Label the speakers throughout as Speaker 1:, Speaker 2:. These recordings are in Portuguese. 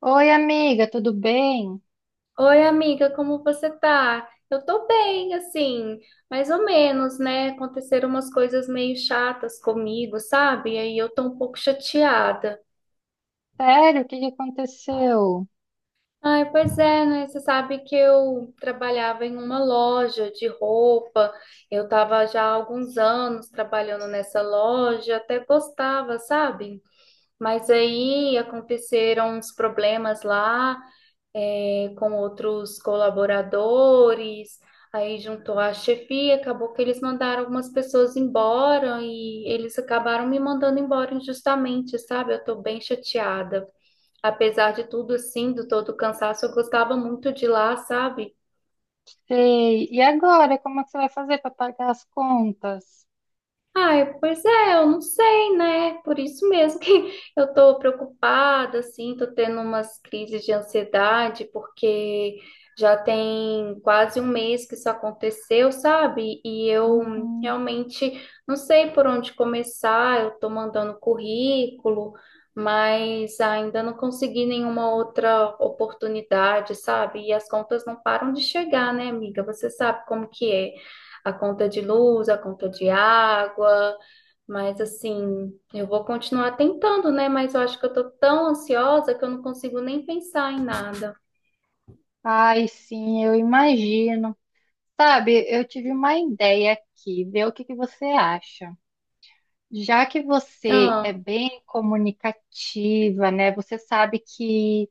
Speaker 1: Oi, amiga, tudo bem?
Speaker 2: Oi, amiga, como você tá? Eu tô bem, assim, mais ou menos, né? Aconteceram umas coisas meio chatas comigo, sabe? E aí eu tô um pouco chateada.
Speaker 1: Sério, o que que aconteceu?
Speaker 2: Ai, pois é, né? Você sabe que eu trabalhava em uma loja de roupa, eu tava já há alguns anos trabalhando nessa loja, até gostava, sabe? Mas aí aconteceram uns problemas lá. É, com outros colaboradores, aí juntou a chefia, acabou que eles mandaram algumas pessoas embora e eles acabaram me mandando embora injustamente, sabe? Eu tô bem chateada. Apesar de tudo, assim, do todo o cansaço, eu gostava muito de lá, sabe?
Speaker 1: Sei. E agora, como é que você vai fazer para pagar as contas?
Speaker 2: Ai, pois é, eu não sei, né? Por isso mesmo que eu tô preocupada, assim, tô tendo umas crises de ansiedade, porque já tem quase um mês que isso aconteceu, sabe? E eu
Speaker 1: Uhum.
Speaker 2: realmente não sei por onde começar, eu tô mandando currículo, mas ainda não consegui nenhuma outra oportunidade, sabe? E as contas não param de chegar, né, amiga? Você sabe como que é a conta de luz, a conta de água, mas assim, eu vou continuar tentando, né? Mas eu acho que eu tô tão ansiosa que eu não consigo nem pensar em nada.
Speaker 1: Ai, sim, eu imagino. Sabe, eu tive uma ideia aqui, ver o que que você acha. Já que você é
Speaker 2: Ah.
Speaker 1: bem comunicativa, né? Você sabe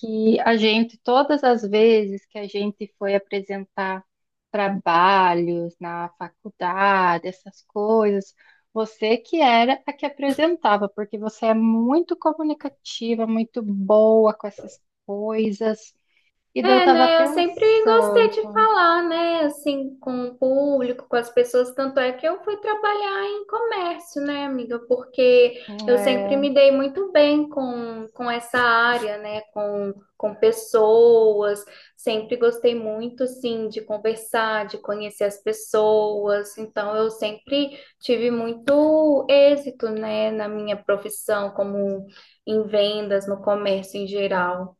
Speaker 1: que a gente, todas as vezes que a gente foi apresentar trabalhos na faculdade, essas coisas, você que era a que apresentava, porque você é muito comunicativa, muito boa com essas coisas. E daí eu
Speaker 2: É,
Speaker 1: tava
Speaker 2: né? Eu sempre gostei
Speaker 1: pensando,
Speaker 2: de falar, né? Assim, com o público, com as pessoas. Tanto é que eu fui trabalhar em comércio, né, amiga? Porque eu sempre me
Speaker 1: é,
Speaker 2: dei muito bem com essa área, né? Com pessoas. Sempre gostei muito, assim, de conversar, de conhecer as pessoas. Então, eu sempre tive muito êxito, né, na minha profissão, como em vendas, no comércio em geral.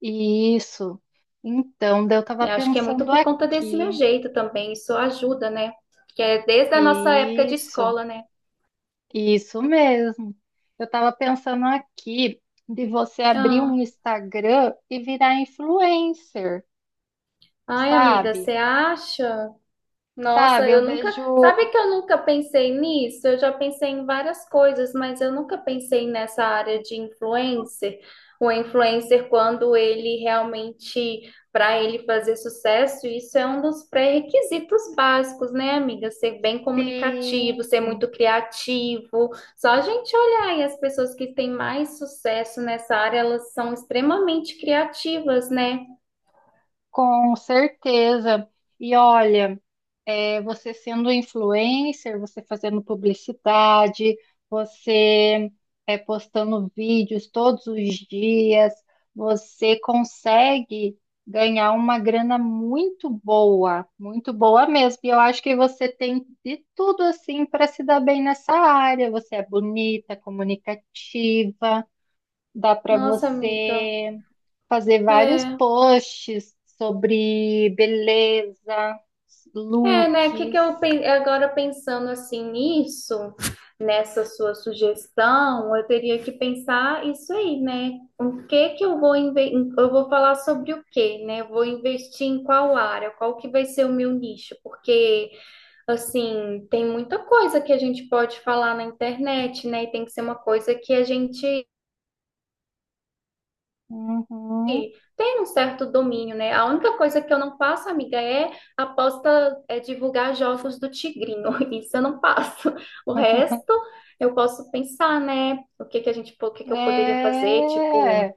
Speaker 1: isso. Então, daí eu tava
Speaker 2: Eu acho que é muito
Speaker 1: pensando
Speaker 2: por conta desse meu
Speaker 1: aqui.
Speaker 2: jeito também, isso ajuda, né? Que é desde a nossa época de
Speaker 1: Isso.
Speaker 2: escola, né?
Speaker 1: Isso mesmo. Eu estava pensando aqui de você abrir um
Speaker 2: Ah,
Speaker 1: Instagram e virar influencer,
Speaker 2: ai, amiga,
Speaker 1: sabe?
Speaker 2: você acha? Nossa,
Speaker 1: Sabe, eu
Speaker 2: eu nunca.
Speaker 1: vejo
Speaker 2: Sabe que eu nunca pensei nisso? Eu já pensei em várias coisas, mas eu nunca pensei nessa área de influencer. O influencer, quando ele realmente, para ele fazer sucesso, isso é um dos pré-requisitos básicos, né, amiga? Ser bem comunicativo, ser
Speaker 1: sim,
Speaker 2: muito criativo. Só a gente olhar e as pessoas que têm mais sucesso nessa área, elas são extremamente criativas, né?
Speaker 1: com certeza. E olha, você sendo influencer, você fazendo publicidade, você postando vídeos todos os dias, você consegue ganhar uma grana muito boa mesmo. E eu acho que você tem de tudo assim para se dar bem nessa área. Você é bonita, comunicativa. Dá para
Speaker 2: Nossa, amiga.
Speaker 1: você fazer vários
Speaker 2: É.
Speaker 1: posts sobre beleza,
Speaker 2: É, né? O Que que
Speaker 1: looks.
Speaker 2: eu pen- agora pensando assim nisso, nessa sua sugestão, eu teria que pensar isso aí, né? O que que eu vou inve- eu vou falar sobre o quê, né? Eu vou investir em qual área? Qual que vai ser o meu nicho? Porque assim, tem muita coisa que a gente pode falar na internet, né? E tem que ser uma coisa que a gente
Speaker 1: Uhum.
Speaker 2: tem um certo domínio, né? A única coisa que eu não passo, amiga, é aposta, é divulgar jogos do Tigrinho. Isso eu não passo. O resto eu posso pensar, né? O que que eu poderia fazer? Tipo,
Speaker 1: É,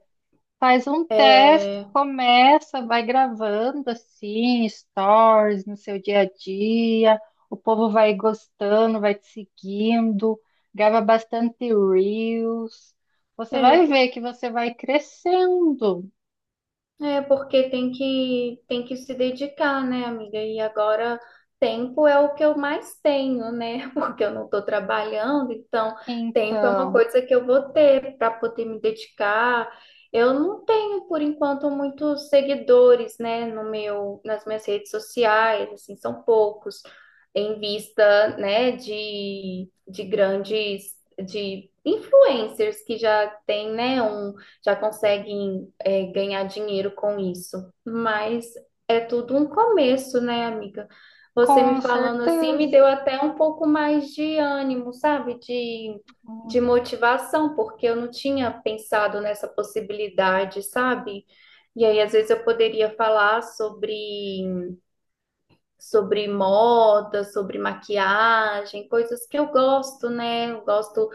Speaker 1: faz um teste,
Speaker 2: é,
Speaker 1: começa, vai gravando assim, stories no seu dia a dia. O povo vai gostando, vai te seguindo, grava bastante reels. Você vai
Speaker 2: é,
Speaker 1: ver que você vai crescendo.
Speaker 2: é porque tem que se dedicar, né, amiga? E agora tempo é o que eu mais tenho, né? Porque eu não estou trabalhando, então tempo é uma
Speaker 1: Então.
Speaker 2: coisa que eu vou ter para poder me dedicar. Eu não tenho por enquanto muitos seguidores, né, no meu nas minhas redes sociais, assim, são poucos em vista, né, de grandes de influencers que já têm, né, um já conseguem é, ganhar dinheiro com isso. Mas é tudo um começo, né, amiga? Você me
Speaker 1: Com
Speaker 2: falando assim me
Speaker 1: certeza.
Speaker 2: deu até um pouco mais de ânimo, sabe? De motivação, porque eu não tinha pensado nessa possibilidade, sabe? E aí, às vezes, eu poderia falar sobre, sobre moda, sobre maquiagem, coisas que eu gosto, né? Eu gosto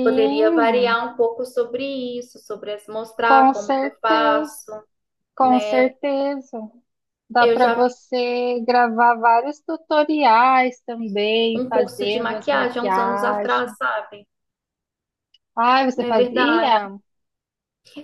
Speaker 2: poderia variar um pouco sobre isso, mostrar
Speaker 1: com
Speaker 2: como que eu
Speaker 1: certeza.
Speaker 2: faço,
Speaker 1: Com
Speaker 2: né?
Speaker 1: certeza. Dá
Speaker 2: Eu
Speaker 1: para
Speaker 2: já fiz
Speaker 1: você gravar vários tutoriais também,
Speaker 2: um curso de
Speaker 1: fazendo as
Speaker 2: maquiagem há uns anos atrás,
Speaker 1: maquiagens.
Speaker 2: sabe?
Speaker 1: Ah, você
Speaker 2: É verdade.
Speaker 1: fazia?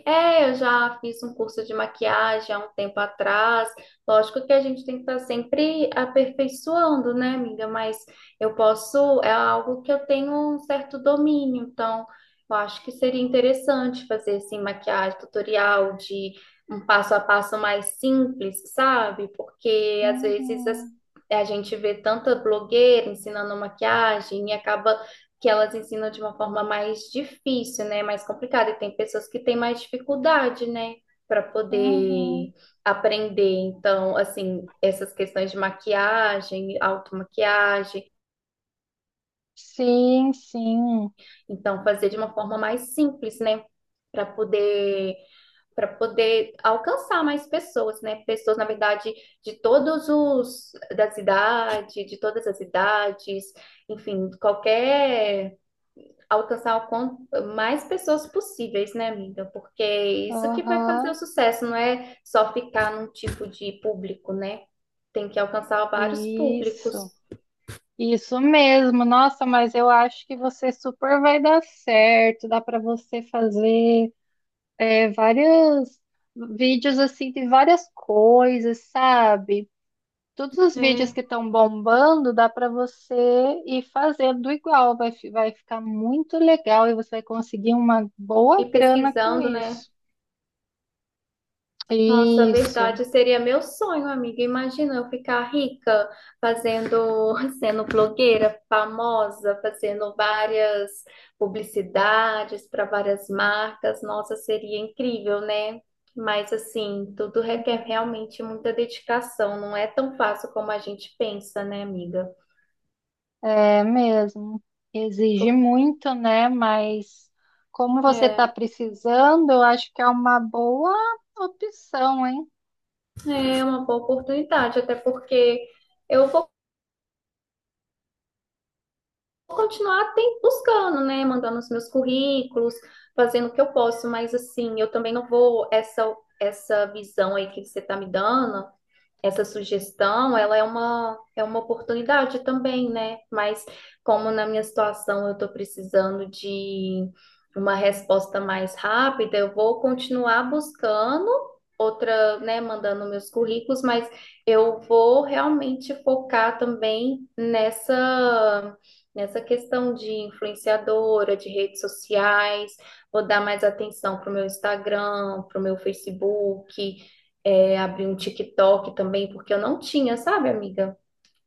Speaker 2: É, eu já fiz um curso de maquiagem há um tempo atrás. Lógico que a gente tem que estar sempre aperfeiçoando, né, amiga? Mas eu posso, é algo que eu tenho um certo domínio, então eu acho que seria interessante fazer assim maquiagem, tutorial de um passo a passo mais simples, sabe? Porque
Speaker 1: Uhum,
Speaker 2: a gente vê tanta blogueira ensinando maquiagem e acaba que elas ensinam de uma forma mais difícil, né? Mais complicada. E tem pessoas que têm mais dificuldade, né? Para
Speaker 1: uhum.
Speaker 2: poder aprender. Então, assim, essas questões de maquiagem, automaquiagem.
Speaker 1: Sim, sim.
Speaker 2: Então, fazer de uma forma mais simples, né? Para poder. Para poder alcançar mais pessoas, né? Pessoas, na verdade, das idades, de todas as idades, enfim, qualquer alcançar o quanto mais pessoas possíveis, né, amiga? Porque é isso que vai
Speaker 1: Aham,
Speaker 2: fazer o sucesso, não é só ficar num tipo de público, né? Tem que alcançar vários públicos.
Speaker 1: isso. Isso mesmo. Nossa, mas eu acho que você super vai dar certo. Dá para você fazer vários vídeos assim de várias coisas, sabe? Todos os vídeos
Speaker 2: É.
Speaker 1: que estão bombando, dá para você ir fazendo igual, vai, vai ficar muito legal e você vai conseguir uma
Speaker 2: E
Speaker 1: boa grana com
Speaker 2: pesquisando, né?
Speaker 1: isso.
Speaker 2: Nossa,
Speaker 1: Isso,
Speaker 2: verdade, seria meu sonho, amiga. Imagina eu ficar rica fazendo, sendo blogueira famosa, fazendo várias publicidades para várias marcas. Nossa, seria incrível, né? Mas assim, tudo requer realmente muita dedicação. Não é tão fácil como a gente pensa, né, amiga?
Speaker 1: é mesmo. Exige
Speaker 2: Por-
Speaker 1: muito, né? Mas como você está
Speaker 2: É,
Speaker 1: precisando, eu acho que é uma boa opção, hein?
Speaker 2: é uma boa oportunidade, até porque eu vou continuar buscando, né? Mandando os meus currículos, fazendo o que eu posso, mas assim, eu também não vou essa visão aí que você tá me dando, essa sugestão, ela é uma oportunidade também, né? Mas como na minha situação eu estou precisando de uma resposta mais rápida, eu vou continuar buscando outra, né, mandando meus currículos, mas eu vou realmente focar também nessa questão de influenciadora, de redes sociais, vou dar mais atenção para o meu Instagram, para o meu Facebook, é, abrir um TikTok também, porque eu não tinha, sabe, amiga?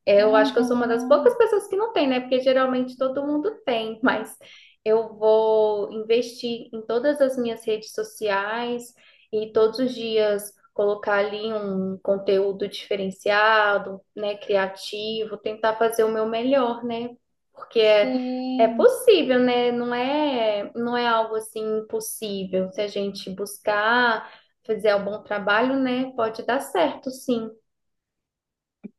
Speaker 2: É, eu acho que eu sou uma das
Speaker 1: Uhum,
Speaker 2: poucas pessoas que não tem, né? Porque geralmente todo mundo tem, mas eu vou investir em todas as minhas redes sociais e todos os dias colocar ali um conteúdo diferenciado, né? Criativo, tentar fazer o meu melhor, né? Porque é, é
Speaker 1: sim.
Speaker 2: possível, né? Não é, não é algo assim impossível. Se a gente buscar, fazer um bom trabalho, né? Pode dar certo, sim.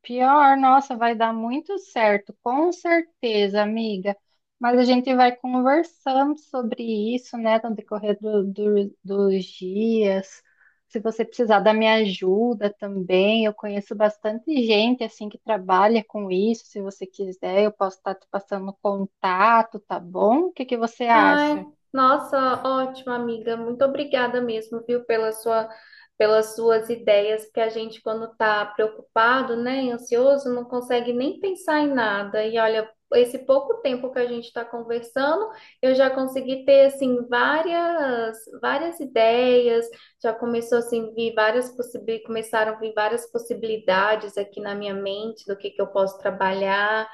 Speaker 1: Pior, nossa, vai dar muito certo, com certeza, amiga. Mas a gente vai conversando sobre isso, né, no decorrer dos dias. Se você precisar da minha ajuda também, eu conheço bastante gente assim que trabalha com isso. Se você quiser, eu posso estar te passando contato, tá bom? O que que você
Speaker 2: Ai,
Speaker 1: acha?
Speaker 2: nossa, ótimo, amiga. Muito obrigada mesmo, viu, pela sua, pelas suas ideias, porque a gente, quando está preocupado, né, e ansioso, não consegue nem pensar em nada. E olha, esse pouco tempo que a gente está conversando, eu já consegui ter, assim, várias, várias ideias, já começou, assim, vir várias começaram a vir várias possibilidades aqui na minha mente do que eu posso trabalhar.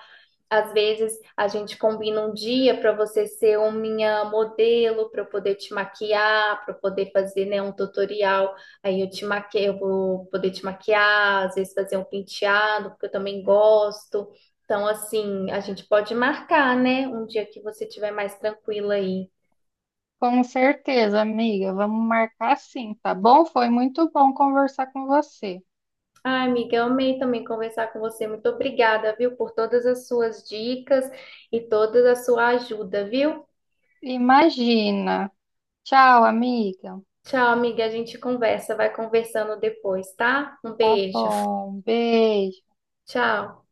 Speaker 2: Às vezes a gente combina um dia para você ser o minha modelo, para eu poder te maquiar, para eu poder fazer, né, um tutorial. Aí eu te maquio, eu vou poder te maquiar, às vezes fazer um penteado, porque eu também gosto. Então, assim, a gente pode marcar, né, um dia que você estiver mais tranquila aí.
Speaker 1: Com certeza, amiga. Vamos marcar sim, tá bom? Foi muito bom conversar com você.
Speaker 2: Ah, amiga, eu amei também conversar com você. Muito obrigada, viu, por todas as suas dicas e toda a sua ajuda, viu?
Speaker 1: Imagina. Tchau, amiga.
Speaker 2: Tchau, amiga. A gente conversa, vai conversando depois, tá? Um
Speaker 1: Tá
Speaker 2: beijo.
Speaker 1: bom. Beijo.
Speaker 2: Tchau.